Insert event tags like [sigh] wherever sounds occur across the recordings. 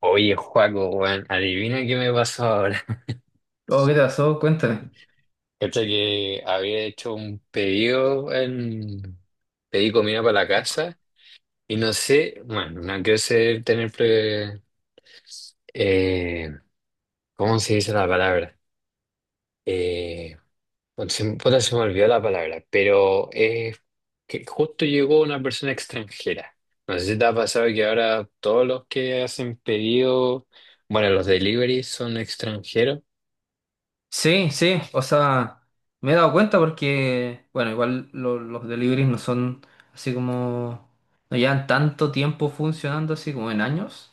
Oye, Joaco, weón, adivina qué me pasó ahora. Oh, ¿qué te pasó? Cuéntame. [laughs] Cacha que había hecho un pedido en... Pedí comida para la casa y no sé, bueno, no quiero ser, tener... eh, ¿cómo se dice la palabra? Eh, bueno, se, puta, se me olvidó la palabra, pero es que justo llegó una persona extranjera. No sé si te ha pasado que ahora todos los que hacen pedido, bueno, los deliveries son extranjeros. Sí, sí, o sea, me he dado cuenta porque, bueno, igual los deliveries no son así como, no llevan tanto tiempo funcionando así como en años,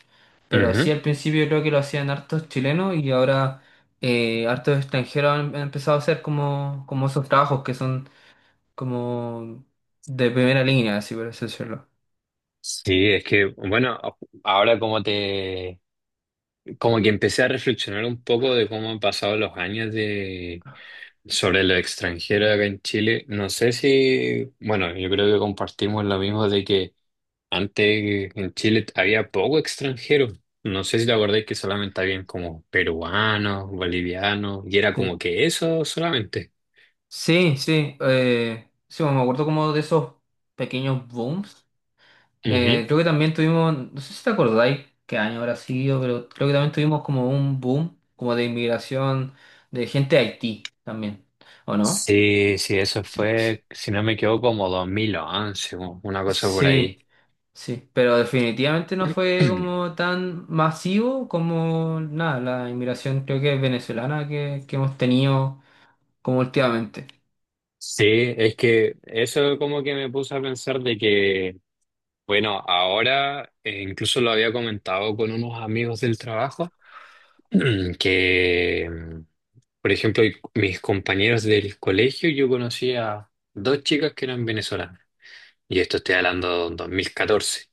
pero sí al principio creo que lo hacían hartos chilenos y ahora hartos extranjeros han empezado a hacer como, como esos trabajos que son como de primera línea, así por así decirlo. Sí, es que, bueno, ahora como te, como que empecé a reflexionar un poco de cómo han pasado los años de, sobre lo extranjero acá en Chile. No sé si, bueno, yo creo que compartimos lo mismo de que antes en Chile había poco extranjero. No sé si te acordás que solamente habían como peruanos, bolivianos, y era como Sí, que eso solamente. sí, sí, sí, me acuerdo como de esos pequeños booms. Ujú. Creo que también tuvimos, no sé si te acordáis qué año habrá sido, pero creo que también tuvimos como un boom como de inmigración de gente de Haití también, ¿o no? Sí, sí, eso Sí, sí, fue, si no me equivoco, como 2011, o una cosa por ahí. sí, sí, pero definitivamente no fue [clears throat] como tan masivo como nada, la inmigración creo que venezolana que hemos tenido como últimamente. Sí, es que eso como que me puse a pensar de que, bueno, ahora incluso lo había comentado con unos amigos del trabajo, [clears throat] que, mm, por ejemplo, mis compañeros del colegio, yo conocía dos chicas que eran venezolanas, y esto estoy hablando de 2014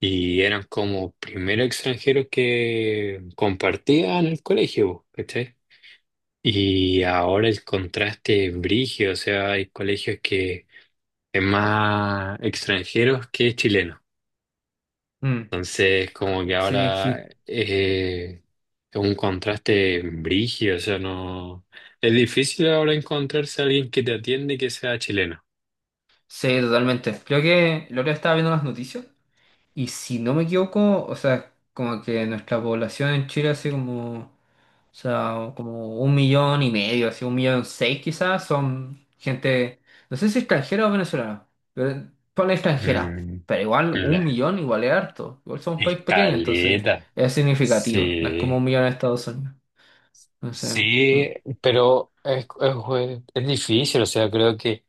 y eran como primeros extranjeros que compartían el colegio, ¿cachai? Y ahora el contraste es brígido, o sea, hay colegios que es más extranjeros que chilenos. Mm, Entonces, como que sí, ahora sí, es un contraste brígido, o sea, no... Es difícil ahora encontrarse a alguien que te atiende que sea chileno. sí, totalmente. Creo que lo que estaba viendo las noticias. Y si no me equivoco, o sea, como que nuestra población en Chile, así como, o sea, como un millón y medio, así un millón seis quizás, son gente, no sé si extranjera o venezolana, pero ponle extranjera, Mm, pero igual la un millón igual es harto, igual somos un país pequeño, entonces escaleta. es significativo, no es como Sí. un millón en Estados Unidos, entonces, Sí, pero es difícil, o sea, creo que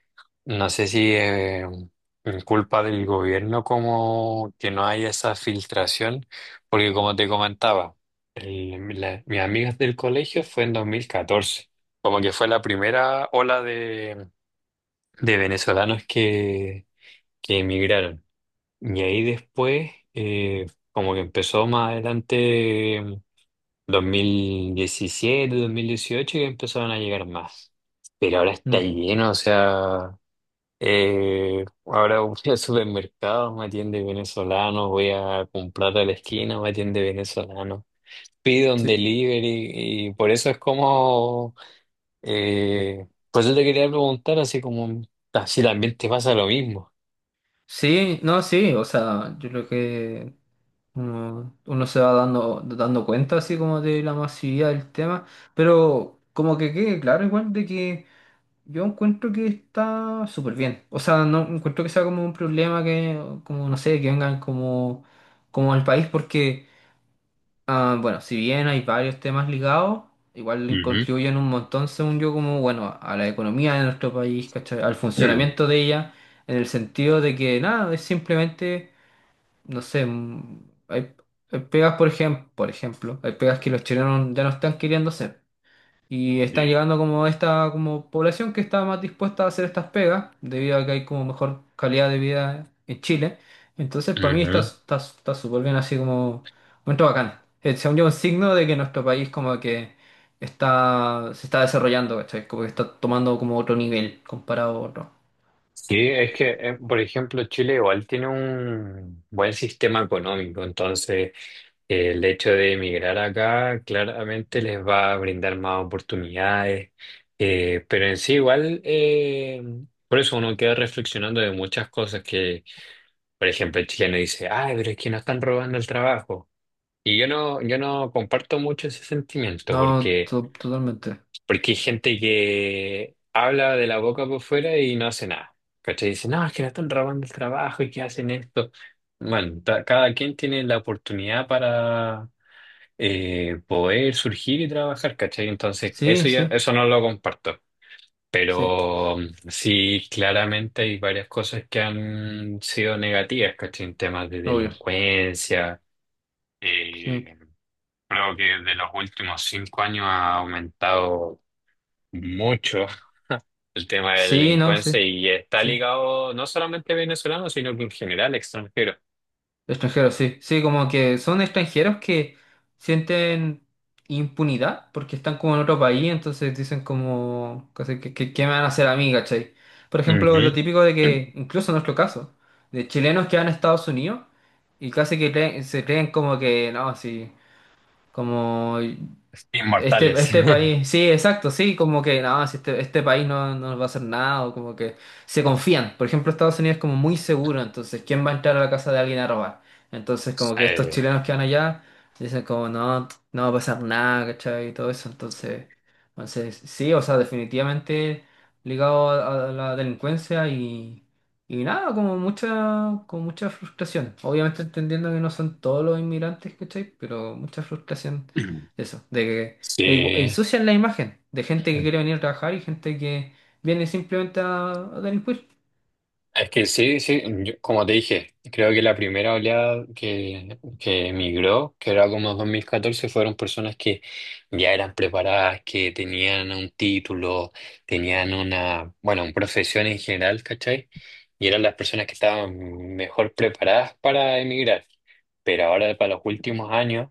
no sé si es culpa del gobierno como que no haya esa filtración, porque como te comentaba, mis amigas del colegio fue en 2014, como que fue la primera ola de venezolanos que emigraron. Y ahí después, como que empezó más adelante dos mil diecisiete dos mil dieciocho que empezaron a llegar más. Pero ahora está mm, lleno, o sea, ahora voy [laughs] al supermercado, me atiende venezolano, voy a comprar a la esquina, me atiende venezolano. Pido un sí. delivery y por eso es como, por eso te quería preguntar así como, ah, si también te pasa lo mismo. Sí, no, sí, o sea, yo creo que uno se va dando cuenta así como de la masividad del tema, pero como que quede claro igual de que yo encuentro que está súper bien. O sea, no encuentro que sea como un problema que, como no sé, que vengan como, como al país, porque, ah, bueno, si bien hay varios temas ligados, igual le Ujú. contribuyen un montón, según yo, como, bueno, a la economía de nuestro país, ¿cachai? Al funcionamiento [clears throat] de ella, en el sentido de que nada, es simplemente no sé, hay, hay pegas, por ejemplo, hay pegas que los chilenos ya no están queriendo hacer. Y están llegando como esta como población que está más dispuesta a hacer estas pegas, debido a que hay como mejor calidad de vida en Chile. Entonces, para mí Ujú. Está súper bien así como momento bacán. Según yo, un signo de que nuestro país como que está, se está desarrollando, ¿cachai? Como que está tomando como otro nivel comparado a otro. Sí, es que, por ejemplo, Chile igual tiene un buen sistema económico, entonces el hecho de emigrar acá claramente les va a brindar más oportunidades, pero en sí igual, por eso uno queda reflexionando de muchas cosas que, por ejemplo, el chileno dice, ay, pero es que nos están robando el trabajo. Yo no comparto mucho ese sentimiento No, porque... totalmente. Porque hay gente que habla de la boca por fuera y no hace nada. ¿Cachai? Dice, no, es que le están robando el trabajo y que hacen esto. Bueno, cada quien tiene la oportunidad para poder surgir y trabajar, ¿cachai? Entonces, Sí, eso ya, sí, eso no lo comparto. sí, Pero mm, sí, claramente hay varias cosas que han sido negativas, ¿cachai? En temas de obvio. delincuencia. Sí. eh, Creo que de los últimos cinco años ha aumentado mucho el tema de la Sí, no, sí, delincuencia y está sí. ligado no solamente a venezolanos, sino que en general extranjeros. Extranjeros, sí. Sí, como que son extranjeros que sienten impunidad porque están como en otro país, entonces dicen como, casi ¿qué me van a hacer a mí, cachai? Por ejemplo, lo Ujú. típico de que, [clears throat] incluso en nuestro caso, de chilenos que van a Estados Unidos y casi que se creen como que, no, sí, como Este, Inmortales. este [laughs] país, sí, exacto, sí, como que no, si este país no, no nos va a hacer nada, o como que se confían. Por ejemplo, Estados Unidos es como muy seguro, entonces, ¿quién va a entrar a la casa de alguien a robar? Entonces, como que estos Eh, chilenos que van allá dicen como no, no va a pasar nada, ¿cachai? Y todo eso, entonces, entonces sí, o sea, definitivamente ligado a la delincuencia y nada, como mucha, con mucha frustración. Obviamente entendiendo que no son todos los inmigrantes, ¿cachai? Pero mucha frustración. Eso, de que sí. ensucian la imagen de gente que quiere venir a trabajar y gente que viene simplemente a delinquir. Es que sí, sí, como te dije, creo que la primera oleada que emigró, que era como 2014, fueron personas que ya eran preparadas, que tenían un título, tenían una, bueno, una profesión en general, ¿cachai? Y eran las personas que estaban mejor preparadas para emigrar. Pero ahora, para los últimos años,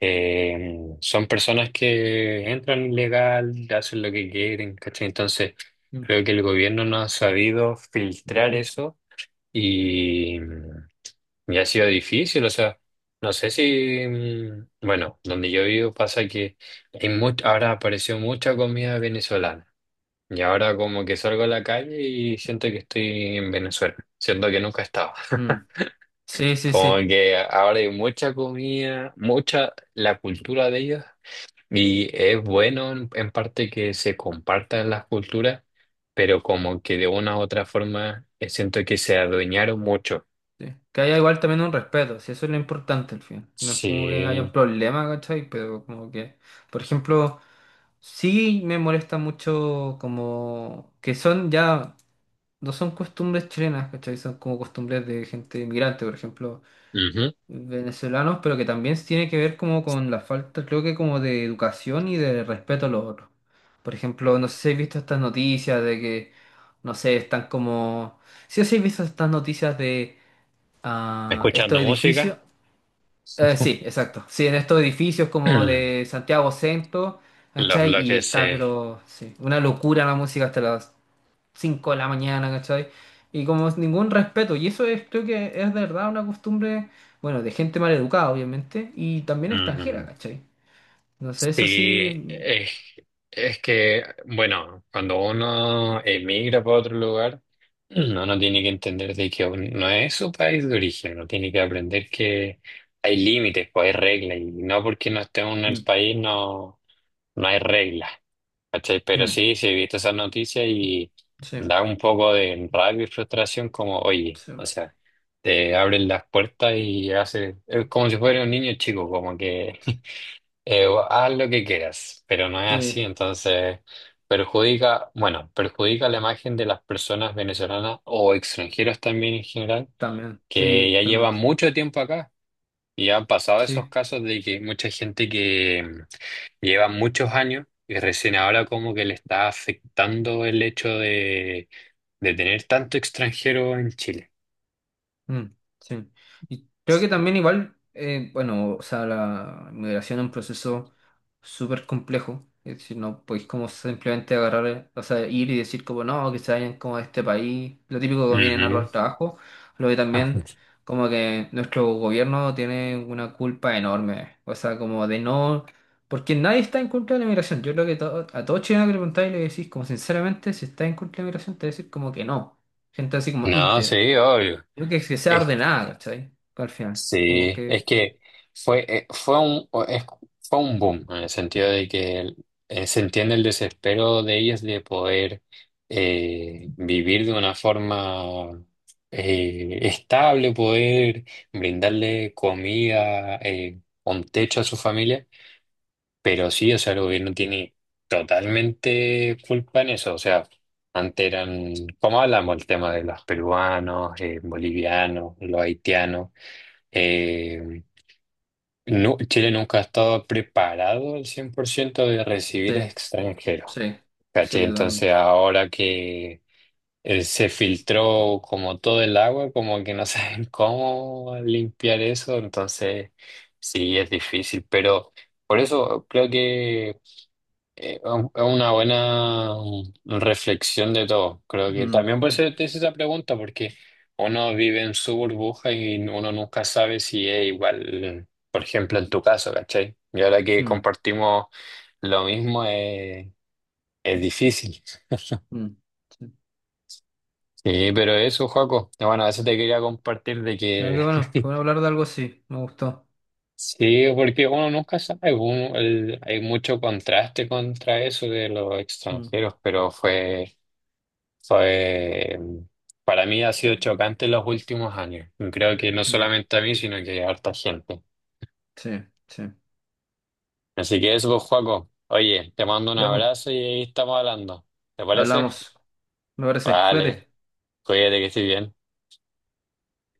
son personas que entran ilegal, hacen lo que quieren, ¿cachai? Entonces, Mm. creo que el gobierno no ha sabido filtrar eso y, y ha sido difícil. O sea, no sé si, mm, bueno, donde yo vivo pasa que hay ahora apareció mucha comida venezolana. Y ahora como que salgo a la calle y siento que estoy en Venezuela, siento que nunca he estado. Mm. Sí, sí, Como sí, que ahora hay mucha comida, mucha, la cultura de ellos. Y es bueno en parte que se compartan las culturas, pero como que de una u otra forma siento que se adueñaron mucho. sí. Que haya igual también un respeto, si eso es lo importante al final. No es como que haya un Sí. problema, ¿cachai? Pero como que, por ejemplo, sí me molesta mucho como que son ya, no son costumbres chilenas, ¿cachai? Son como costumbres de gente inmigrante, por ejemplo, Ujú. venezolanos, pero que también tiene que ver como con la falta, creo que como de educación y de respeto a los otros. Por ejemplo, no sé si habéis visto estas noticias de que, no sé, están como... Sí o sí habéis visto estas noticias de Escuchando estos música, edificios. Sí, exacto. Sí, en estos edificios como de [clears throat] Santiago Centro, los ¿cachai? Y bloques está, se... pero sí, una locura la música hasta las 5 de la mañana, ¿cachai? Y como es ningún respeto. Y eso es, creo que es de verdad una costumbre, bueno, de gente mal educada, obviamente, y también extranjera, ¿cachai? Entonces, eso Sí, sí. Es que, bueno, cuando uno emigra para otro lugar, uno no tiene que entender de que no es su país de origen, uno tiene que aprender que hay límites, pues hay reglas, y no porque no esté uno en el Mm, país no, no hay reglas, ¿cachai? Pero mm, sí, sí he visto esas noticias y sí, da un poco de rabia y frustración como, oye, sí, o sea, te abren las puertas y hace, es como si fuera un niño chico, como que... Haz lo que quieras, pero no es así, sí, entonces perjudica, bueno, perjudica la imagen de las personas venezolanas o extranjeras también en general, también, que sí, ya llevan totalmente. mucho tiempo acá y han pasado esos Sí. casos de que mucha gente que mm, lleva muchos años y recién ahora como que le está afectando el hecho de tener tanto extranjero en Chile. Mm, sí. Y creo que también igual, bueno, o sea, la migración es un proceso súper complejo. Es decir, no podéis como simplemente agarrar, o sea, ir y decir como no, que se vayan como a este país. Lo típico que vienen a Ujú. robar trabajo. Lo que también [laughs] como que nuestro gobierno tiene una culpa enorme. O sea, como de no... Porque nadie está en contra de la migración. Yo creo que a todo chileno que le preguntáis le decís como sinceramente, si está en contra de la migración, te va a decir como que no. Gente así como No, íntegra. sí, obvio. Creo que, es que sea ordenada, ¿cachai? Al final, como Sí, es que... que fue, eh, fue un, o- es- fue un boom en el sentido de que se entiende el desespero de ellas de poder vivir de una forma estable, poder brindarle comida, un techo a su familia, pero sí, o sea, el gobierno tiene totalmente culpa en eso, o sea, antes eran, como hablamos, el tema de los peruanos, bolivianos, los haitianos. eh, no, Chile nunca ha estado preparado al 100% de Sí, recibir extranjeros, sí, ¿cachai? sí, Entonces totalmente. ahora que se filtró como todo el agua, como que no [laughs] saben cómo limpiar eso, entonces sí es difícil, pero por eso creo que Es una buena reflexión de todo. Creo que Mm, también por sí, eso te hice esa pregunta, porque uno vive en su burbuja y uno nunca sabe si es igual, por ejemplo, en tu caso, ¿cachai? Y ahora que mm, compartimos lo mismo, es difícil. mm, sí. Sí, pero eso, Joaco. Bueno, eso te quería compartir de Pero que [laughs] qué bueno hablar de algo así, me gustó. sí, porque uno nunca sabe. Hay mucho contraste contra eso de los Mm, extranjeros, pero fue. Fue, mm, para mí ha sido chocante en los últimos años. Y creo que no mm, solamente a mí, sino que a harta gente. sí, sí. Así que eso, pues, Joaco. Oye, te mando un Ya pues, abrazo y ahí estamos hablando. ¿Te parece? hablamos, me parece. Vale, Cuídate. cuídate que estés bien.